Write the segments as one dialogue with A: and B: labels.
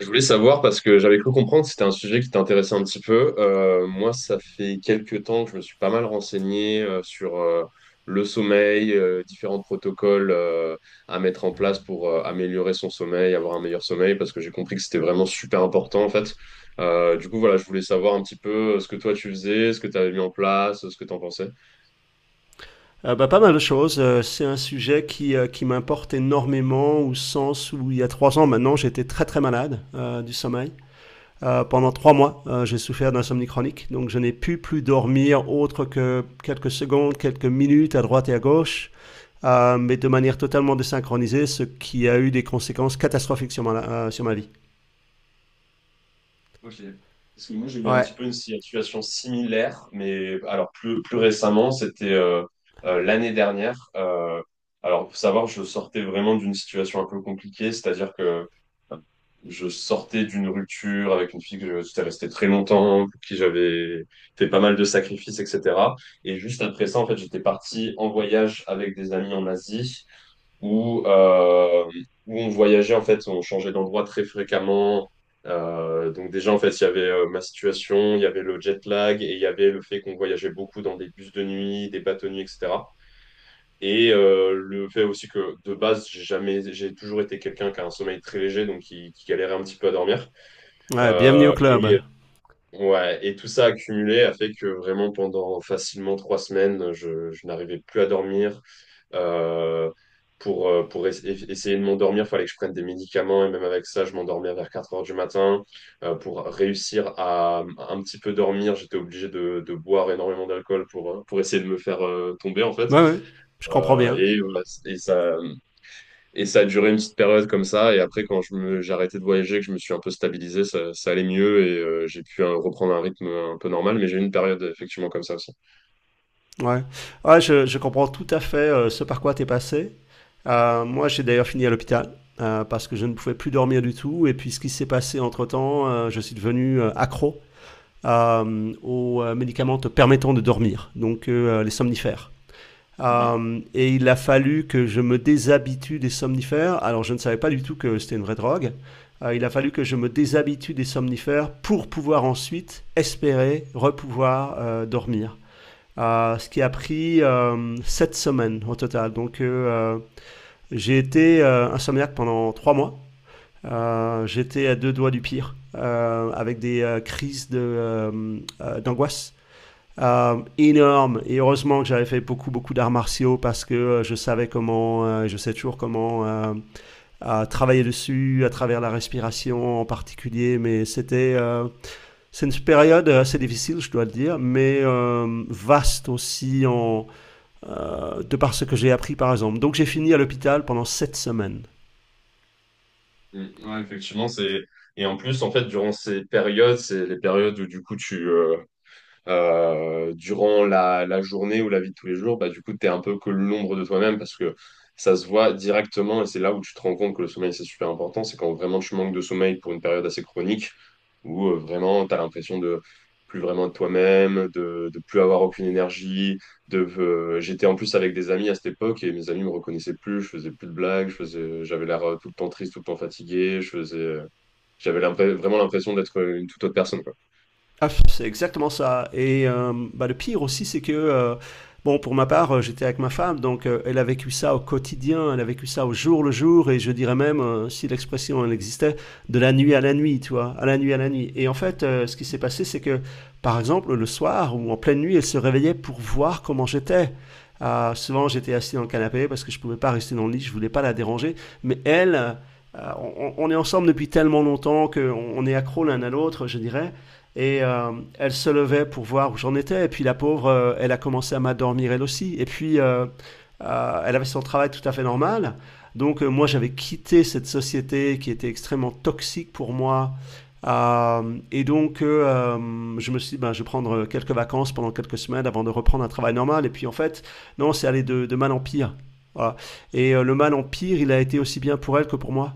A: Je voulais savoir parce que j'avais cru comprendre que c'était un sujet qui t'intéressait un petit peu. Moi, ça fait quelques temps que je me suis pas mal renseigné sur le sommeil, différents protocoles à mettre en place pour améliorer son sommeil, avoir un meilleur sommeil, parce que j'ai compris que c'était vraiment super important en fait. Du coup, voilà, je voulais savoir un petit peu ce que toi tu faisais, ce que tu avais mis en place, ce que t'en pensais.
B: Bah, pas mal de choses. C'est un sujet qui m'importe énormément au sens où il y a trois ans maintenant, j'étais très très malade du sommeil. Pendant trois mois, j'ai souffert d'insomnie chronique, donc je n'ai pu plus dormir autre que quelques secondes, quelques minutes à droite et à gauche, mais de manière totalement désynchronisée, ce qui a eu des conséquences catastrophiques sur sur ma vie.
A: Ok. Parce que moi, j'ai eu un
B: Ouais,
A: petit peu une situation similaire, mais alors plus récemment, c'était l'année dernière. Alors, pour savoir, je sortais vraiment d'une situation un peu compliquée, c'est-à-dire que euh, je sortais d'une rupture avec une fille j'étais resté très longtemps, pour qui j'avais fait pas mal de sacrifices, etc. Et juste après ça, en fait, j'étais parti en voyage avec des amis en Asie où, euh, où on voyageait, en fait, on changeait d'endroit très fréquemment. Donc déjà, en fait, il y avait ma situation, il y avait le jet lag et il y avait le fait qu'on voyageait beaucoup dans des bus de nuit, des bateaux de nuit, etc. Le fait aussi que de base, j'ai jamais, j'ai toujours été quelqu'un qui a un sommeil très léger, donc qui galérait un petit peu à dormir.
B: ouais, bienvenue au
A: Euh,
B: club.
A: et ouais, et tout ça accumulé a fait que vraiment pendant facilement trois semaines, je n'arrivais plus à dormir. Euh, pour essayer de m'endormir, fallait que je prenne des médicaments et même avec ça, je m'endormais vers 4 heures du matin. Pour réussir à un petit peu dormir, j'étais obligé de boire énormément d'alcool pour essayer de me faire tomber en fait.
B: Ouais, ouais, je comprends bien.
A: Voilà, et ça. Et ça a duré une petite période comme ça. Et après, j'ai arrêté de voyager, que je me suis un peu stabilisé, ça allait mieux et j'ai pu reprendre un rythme un peu normal. Mais j'ai eu une période effectivement comme ça aussi.
B: Ouais, ouais, je comprends tout à fait, ce par quoi tu es passé. Moi, j'ai d'ailleurs fini à l'hôpital, parce que je ne pouvais plus dormir du tout. Et puis, ce qui s'est passé entre-temps, je suis devenu accro aux médicaments te permettant de dormir, donc, les somnifères.
A: Mhm.
B: Et il a fallu que je me déshabitue des somnifères. Alors, je ne savais pas du tout que c'était une vraie drogue. Il a fallu que je me déshabitue des somnifères pour pouvoir ensuite espérer repouvoir dormir, ce qui a pris 7 semaines au total. Donc, j'ai été insomniaque pendant 3 mois. J'étais à deux doigts du pire, avec des crises d'angoisse, énormes. Et heureusement que j'avais fait beaucoup, beaucoup d'arts martiaux parce que je savais je sais toujours comment, travailler dessus, à travers la respiration en particulier. Mais c'est une période assez difficile, je dois le dire, mais vaste aussi de par ce que j'ai appris par exemple. Donc j'ai fini à l'hôpital pendant sept semaines.
A: Mm. Ouais, effectivement, c'est. Et en plus, en fait, durant ces périodes, c'est les périodes où du coup durant la journée ou la vie de tous les jours, bah, du coup, tu es un peu que l'ombre de toi-même parce que ça se voit directement et c'est là où tu te rends compte que le sommeil, c'est super important. C'est quand vraiment tu manques de sommeil pour une période assez chronique où vraiment tu as l'impression de plus vraiment de toi-même, de plus avoir aucune énergie. J'étais en plus avec des amis à cette époque et mes amis me reconnaissaient plus, je faisais plus de blagues, j'avais l'air tout le temps triste, tout le temps fatigué, je faisais, j'avais l'impr- vraiment l'impression d'être une toute autre personne.
B: Ah, c'est exactement ça. Et, bah, le pire aussi, c'est que, bon, pour ma part, j'étais avec ma femme, donc, elle a vécu ça au quotidien, elle a vécu ça au jour le jour, et je dirais même, si l'expression elle existait, de la nuit à la nuit, tu vois, à la nuit à la nuit. Et en fait, ce qui s'est passé, c'est que, par exemple, le soir ou en pleine nuit, elle se réveillait pour voir comment j'étais. Souvent, j'étais assis dans le canapé parce que je pouvais pas rester dans le lit, je voulais pas la déranger, mais elle, euh, on est ensemble depuis tellement longtemps qu'on on est accro l'un à l'autre, je dirais. Et, elle se levait pour voir où j'en étais. Et puis la pauvre, elle a commencé à m'endormir elle aussi. Et puis, elle avait son travail tout à fait normal. Donc, moi j'avais quitté cette société qui était extrêmement toxique pour moi. Et donc, je me suis dit, ben, je vais prendre quelques vacances pendant quelques semaines avant de reprendre un travail normal. Et puis en fait, non, c'est allé de mal en pire. Voilà. Et, le mal en pire, il a été aussi bien pour elle que pour moi.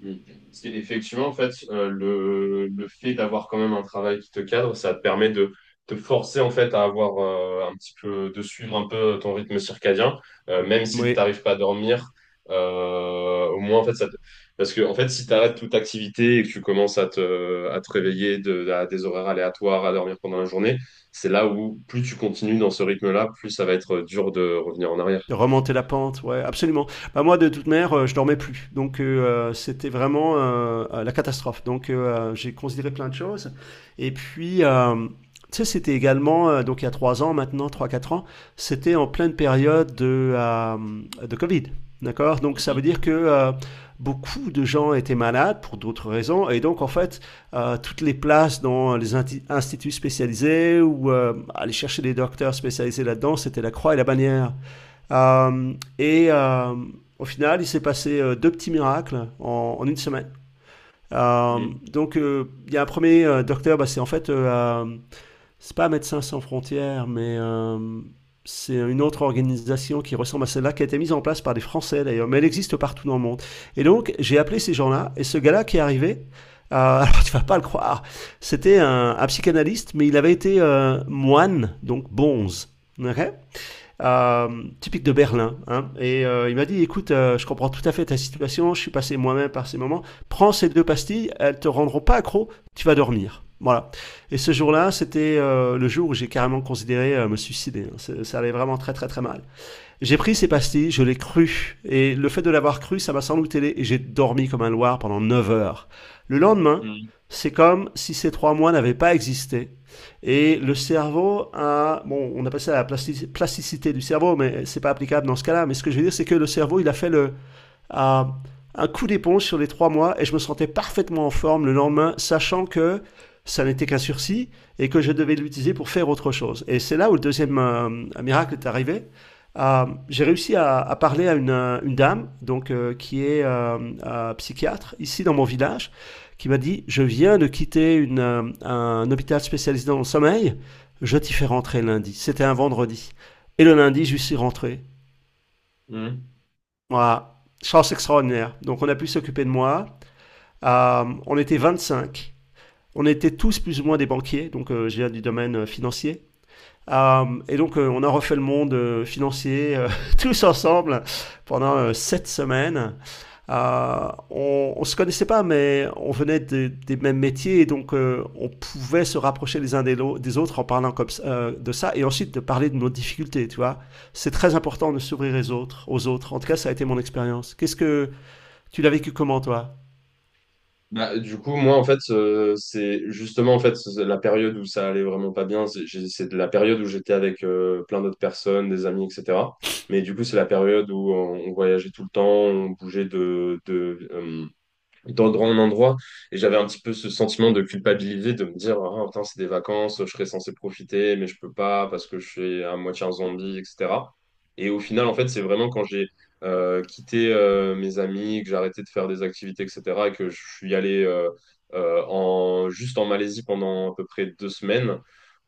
A: Mm. Parce qu'effectivement, en fait, le fait d'avoir quand même un travail qui te cadre, ça te permet de te forcer en fait à avoir un petit peu, de suivre un peu ton rythme circadien, même si tu
B: Oui.
A: n'arrives pas à dormir. Au moins, en fait, parce que en fait, si tu arrêtes toute activité et que tu commences à te réveiller à des horaires aléatoires, à dormir pendant la journée, c'est là où plus tu continues dans ce rythme-là, plus ça va être dur de revenir en arrière.
B: De remonter la pente, ouais, absolument. Bah moi, de toute manière, je dormais plus, donc, c'était vraiment, la catastrophe. Donc, j'ai considéré plein de choses. Et puis, tu sais, c'était également, donc il y a trois ans maintenant, trois, quatre ans, c'était en pleine période de Covid, d'accord? Donc ça veut dire que, beaucoup de gens étaient malades pour d'autres raisons, et donc en fait, toutes les places dans les instituts spécialisés ou, aller chercher des docteurs spécialisés là-dedans, c'était la croix et la bannière. Et, au final, il s'est passé deux petits miracles en une semaine. Euh,
A: Mhm,
B: donc, il y a un premier docteur, bah, c'est en fait, c'est pas Médecins sans frontières, mais, c'est une autre organisation qui ressemble à celle-là, qui a été mise en place par des Français d'ailleurs, mais elle existe partout dans le monde. Et donc, j'ai appelé ces gens-là, et ce gars-là qui est arrivé, alors tu vas pas le croire, c'était un psychanalyste, mais il avait été, moine, donc bonze. Ok. euh, Typique de Berlin, hein. Et, il m'a dit, écoute, je comprends tout à fait ta situation, je suis passé moi-même par ces moments, prends ces deux pastilles, elles te rendront pas accro, tu vas dormir. Voilà. Et ce jour-là, c'était, le jour où j'ai carrément considéré, me suicider, hein. Ça allait vraiment très très très mal. J'ai pris ces
A: mhm,
B: pastilles, je l'ai cru. Et le fait de l'avoir cru, ça m'a sans doute aidé et j'ai dormi comme un loir pendant 9 heures. Le lendemain,
A: mhm,
B: c'est comme si ces trois mois n'avaient pas existé. Et le cerveau a, bon, on a passé à la plasticité du cerveau, mais c'est pas applicable dans ce cas-là. Mais ce que je veux dire, c'est que le cerveau, il a fait à un coup d'éponge sur les trois mois et je me sentais parfaitement en forme le lendemain, sachant que ça n'était qu'un sursis et que je devais l'utiliser pour faire autre chose. Et c'est là où le deuxième, miracle est arrivé. J'ai réussi à parler à une dame donc, qui est, psychiatre ici dans mon village qui m'a dit: je viens de quitter un hôpital spécialisé dans le sommeil, je t'y fais rentrer lundi. C'était un vendredi et le lundi je suis rentré.
A: mhm, mhm.
B: Voilà. Chance extraordinaire. Donc on a pu s'occuper de moi. On était 25. On était tous plus ou moins des banquiers, donc, je viens du domaine, financier. Et donc, on a refait le monde, financier, tous ensemble pendant, sept semaines. On se connaissait pas, mais on venait des mêmes métiers, et donc, on pouvait se rapprocher les uns des autres en parlant comme, de ça, et ensuite de parler de nos difficultés, tu vois. C'est très important de s'ouvrir aux autres, aux autres. En tout cas, ça a été mon expérience. Qu'est-ce que tu l'as vécu comment, toi?
A: Bah, du coup, moi, en fait, c'est justement en fait c'est la période où ça allait vraiment pas bien. C'est de la période où j'étais avec plein d'autres personnes, des amis, etc. Mais du coup, c'est la période où on voyageait tout le temps, on bougeait de, dans le grand endroit. Et j'avais un petit peu ce sentiment de culpabilité de me dire, ah, putain, c'est des vacances, je serais censé profiter, mais je peux pas parce que je suis à moitié un zombie, etc. Et au final, en fait, c'est vraiment quand j'ai quitté mes amis, que j'ai arrêté de faire des activités, etc., et que je suis allé juste en Malaisie pendant à peu près deux semaines,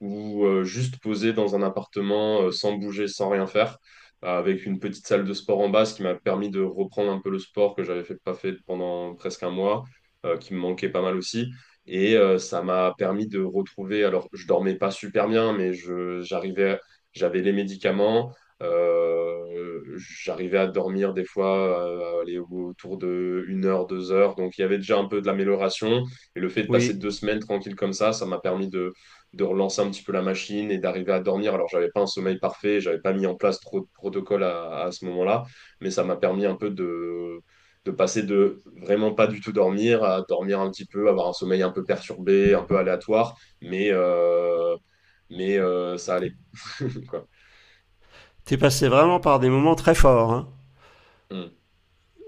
A: ou juste posé dans un appartement sans bouger, sans rien faire avec une petite salle de sport en bas, ce qui m'a permis de reprendre un peu le sport que pas fait pendant presque un mois, qui me manquait pas mal aussi. Ça m'a permis de retrouver, alors je dormais pas super bien, j'arrivais, j'avais les médicaments, j'arrivais à dormir des fois aller autour de une heure, 2 heures. Donc il y avait déjà un peu de l'amélioration. Et le fait de passer
B: Oui.
A: deux semaines tranquille comme ça m'a permis de relancer un petit peu la machine et d'arriver à dormir. Alors, j'avais pas un sommeil parfait, j'avais pas mis en place trop de protocoles à ce moment-là, mais ça m'a permis un peu de passer de vraiment pas du tout dormir à dormir un petit peu, avoir un sommeil un peu perturbé, un peu aléatoire, mais, euh, mais ça allait. Quoi.
B: T'es passé vraiment par des moments très forts, hein?
A: Mm.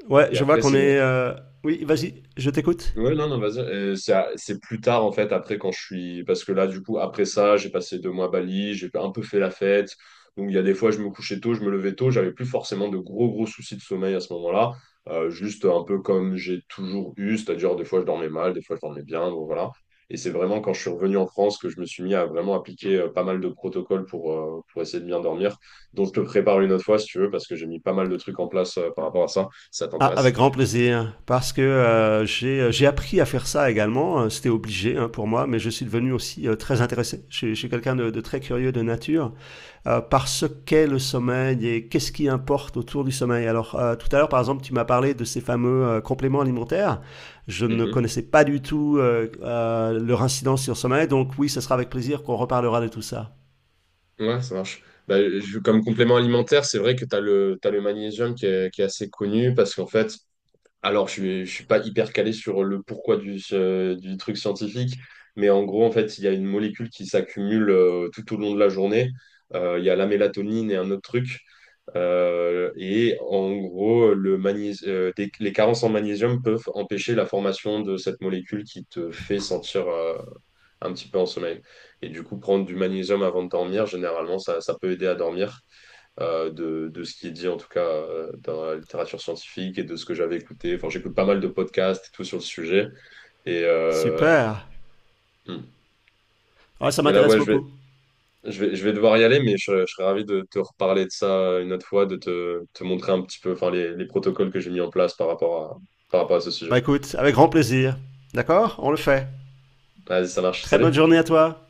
B: Ouais,
A: Et
B: je vois
A: après,
B: qu'on
A: c'est
B: est, Oui, vas-y, je t'écoute.
A: Ouais, non, non, vas-y. C'est c'est plus tard, en fait, après, quand je suis. Parce que là, du coup, après ça, j'ai passé deux mois à Bali, j'ai un peu fait la fête. Donc, il y a des fois, je me couchais tôt, je me levais tôt, j'avais plus forcément de gros soucis de sommeil à ce moment-là. Juste un peu comme j'ai toujours eu, c'est-à-dire des fois, je dormais mal, des fois, je dormais bien, donc voilà. Et c'est vraiment quand je suis revenu en France que je me suis mis à vraiment appliquer pas mal de protocoles pour essayer de bien dormir. Donc, je te prépare une autre fois, si tu veux, parce que j'ai mis pas mal de trucs en place par rapport à ça. Ça
B: Ah,
A: t'intéresse?
B: avec grand plaisir, parce que, j'ai appris à faire ça également. C'était obligé, hein, pour moi, mais je suis devenu aussi, très intéressé. Je suis quelqu'un de très curieux de nature, par ce qu'est le sommeil et qu'est-ce qui importe autour du sommeil. Alors, tout à l'heure, par exemple, tu m'as parlé de ces fameux, compléments alimentaires. Je ne connaissais pas du tout, leur incidence sur le sommeil, donc oui, ce sera avec plaisir qu'on reparlera de tout ça.
A: Ouais, ça marche. Comme complément alimentaire, c'est vrai que t'as le magnésium qui est assez connu parce qu'en fait, alors je suis pas hyper calé sur le pourquoi du truc scientifique, mais en gros, en fait, il y a une molécule qui s'accumule tout au long de la journée. Il y a la mélatonine et un autre truc. Et en gros, les carences en magnésium peuvent empêcher la formation de cette molécule qui te fait sentir, un petit peu en sommeil. Et du coup, prendre du magnésium avant de dormir, généralement, ça peut aider à dormir, de ce qui est dit en tout cas dans la littérature scientifique et de ce que j'avais écouté. Enfin, j'écoute pas mal de podcasts et tout sur le sujet. Et, euh,
B: Super.
A: hmm.
B: Ouais, ça
A: Et là,
B: m'intéresse
A: ouais,
B: beaucoup.
A: je vais devoir y aller, mais je serais ravi de te reparler de ça une autre fois, te montrer un petit peu enfin, les protocoles que j'ai mis en place par rapport à ce sujet.
B: Bah écoute, avec grand plaisir. D'accord. On le fait.
A: Vas-y, ça marche.
B: Très
A: Salut!
B: bonne journée à toi.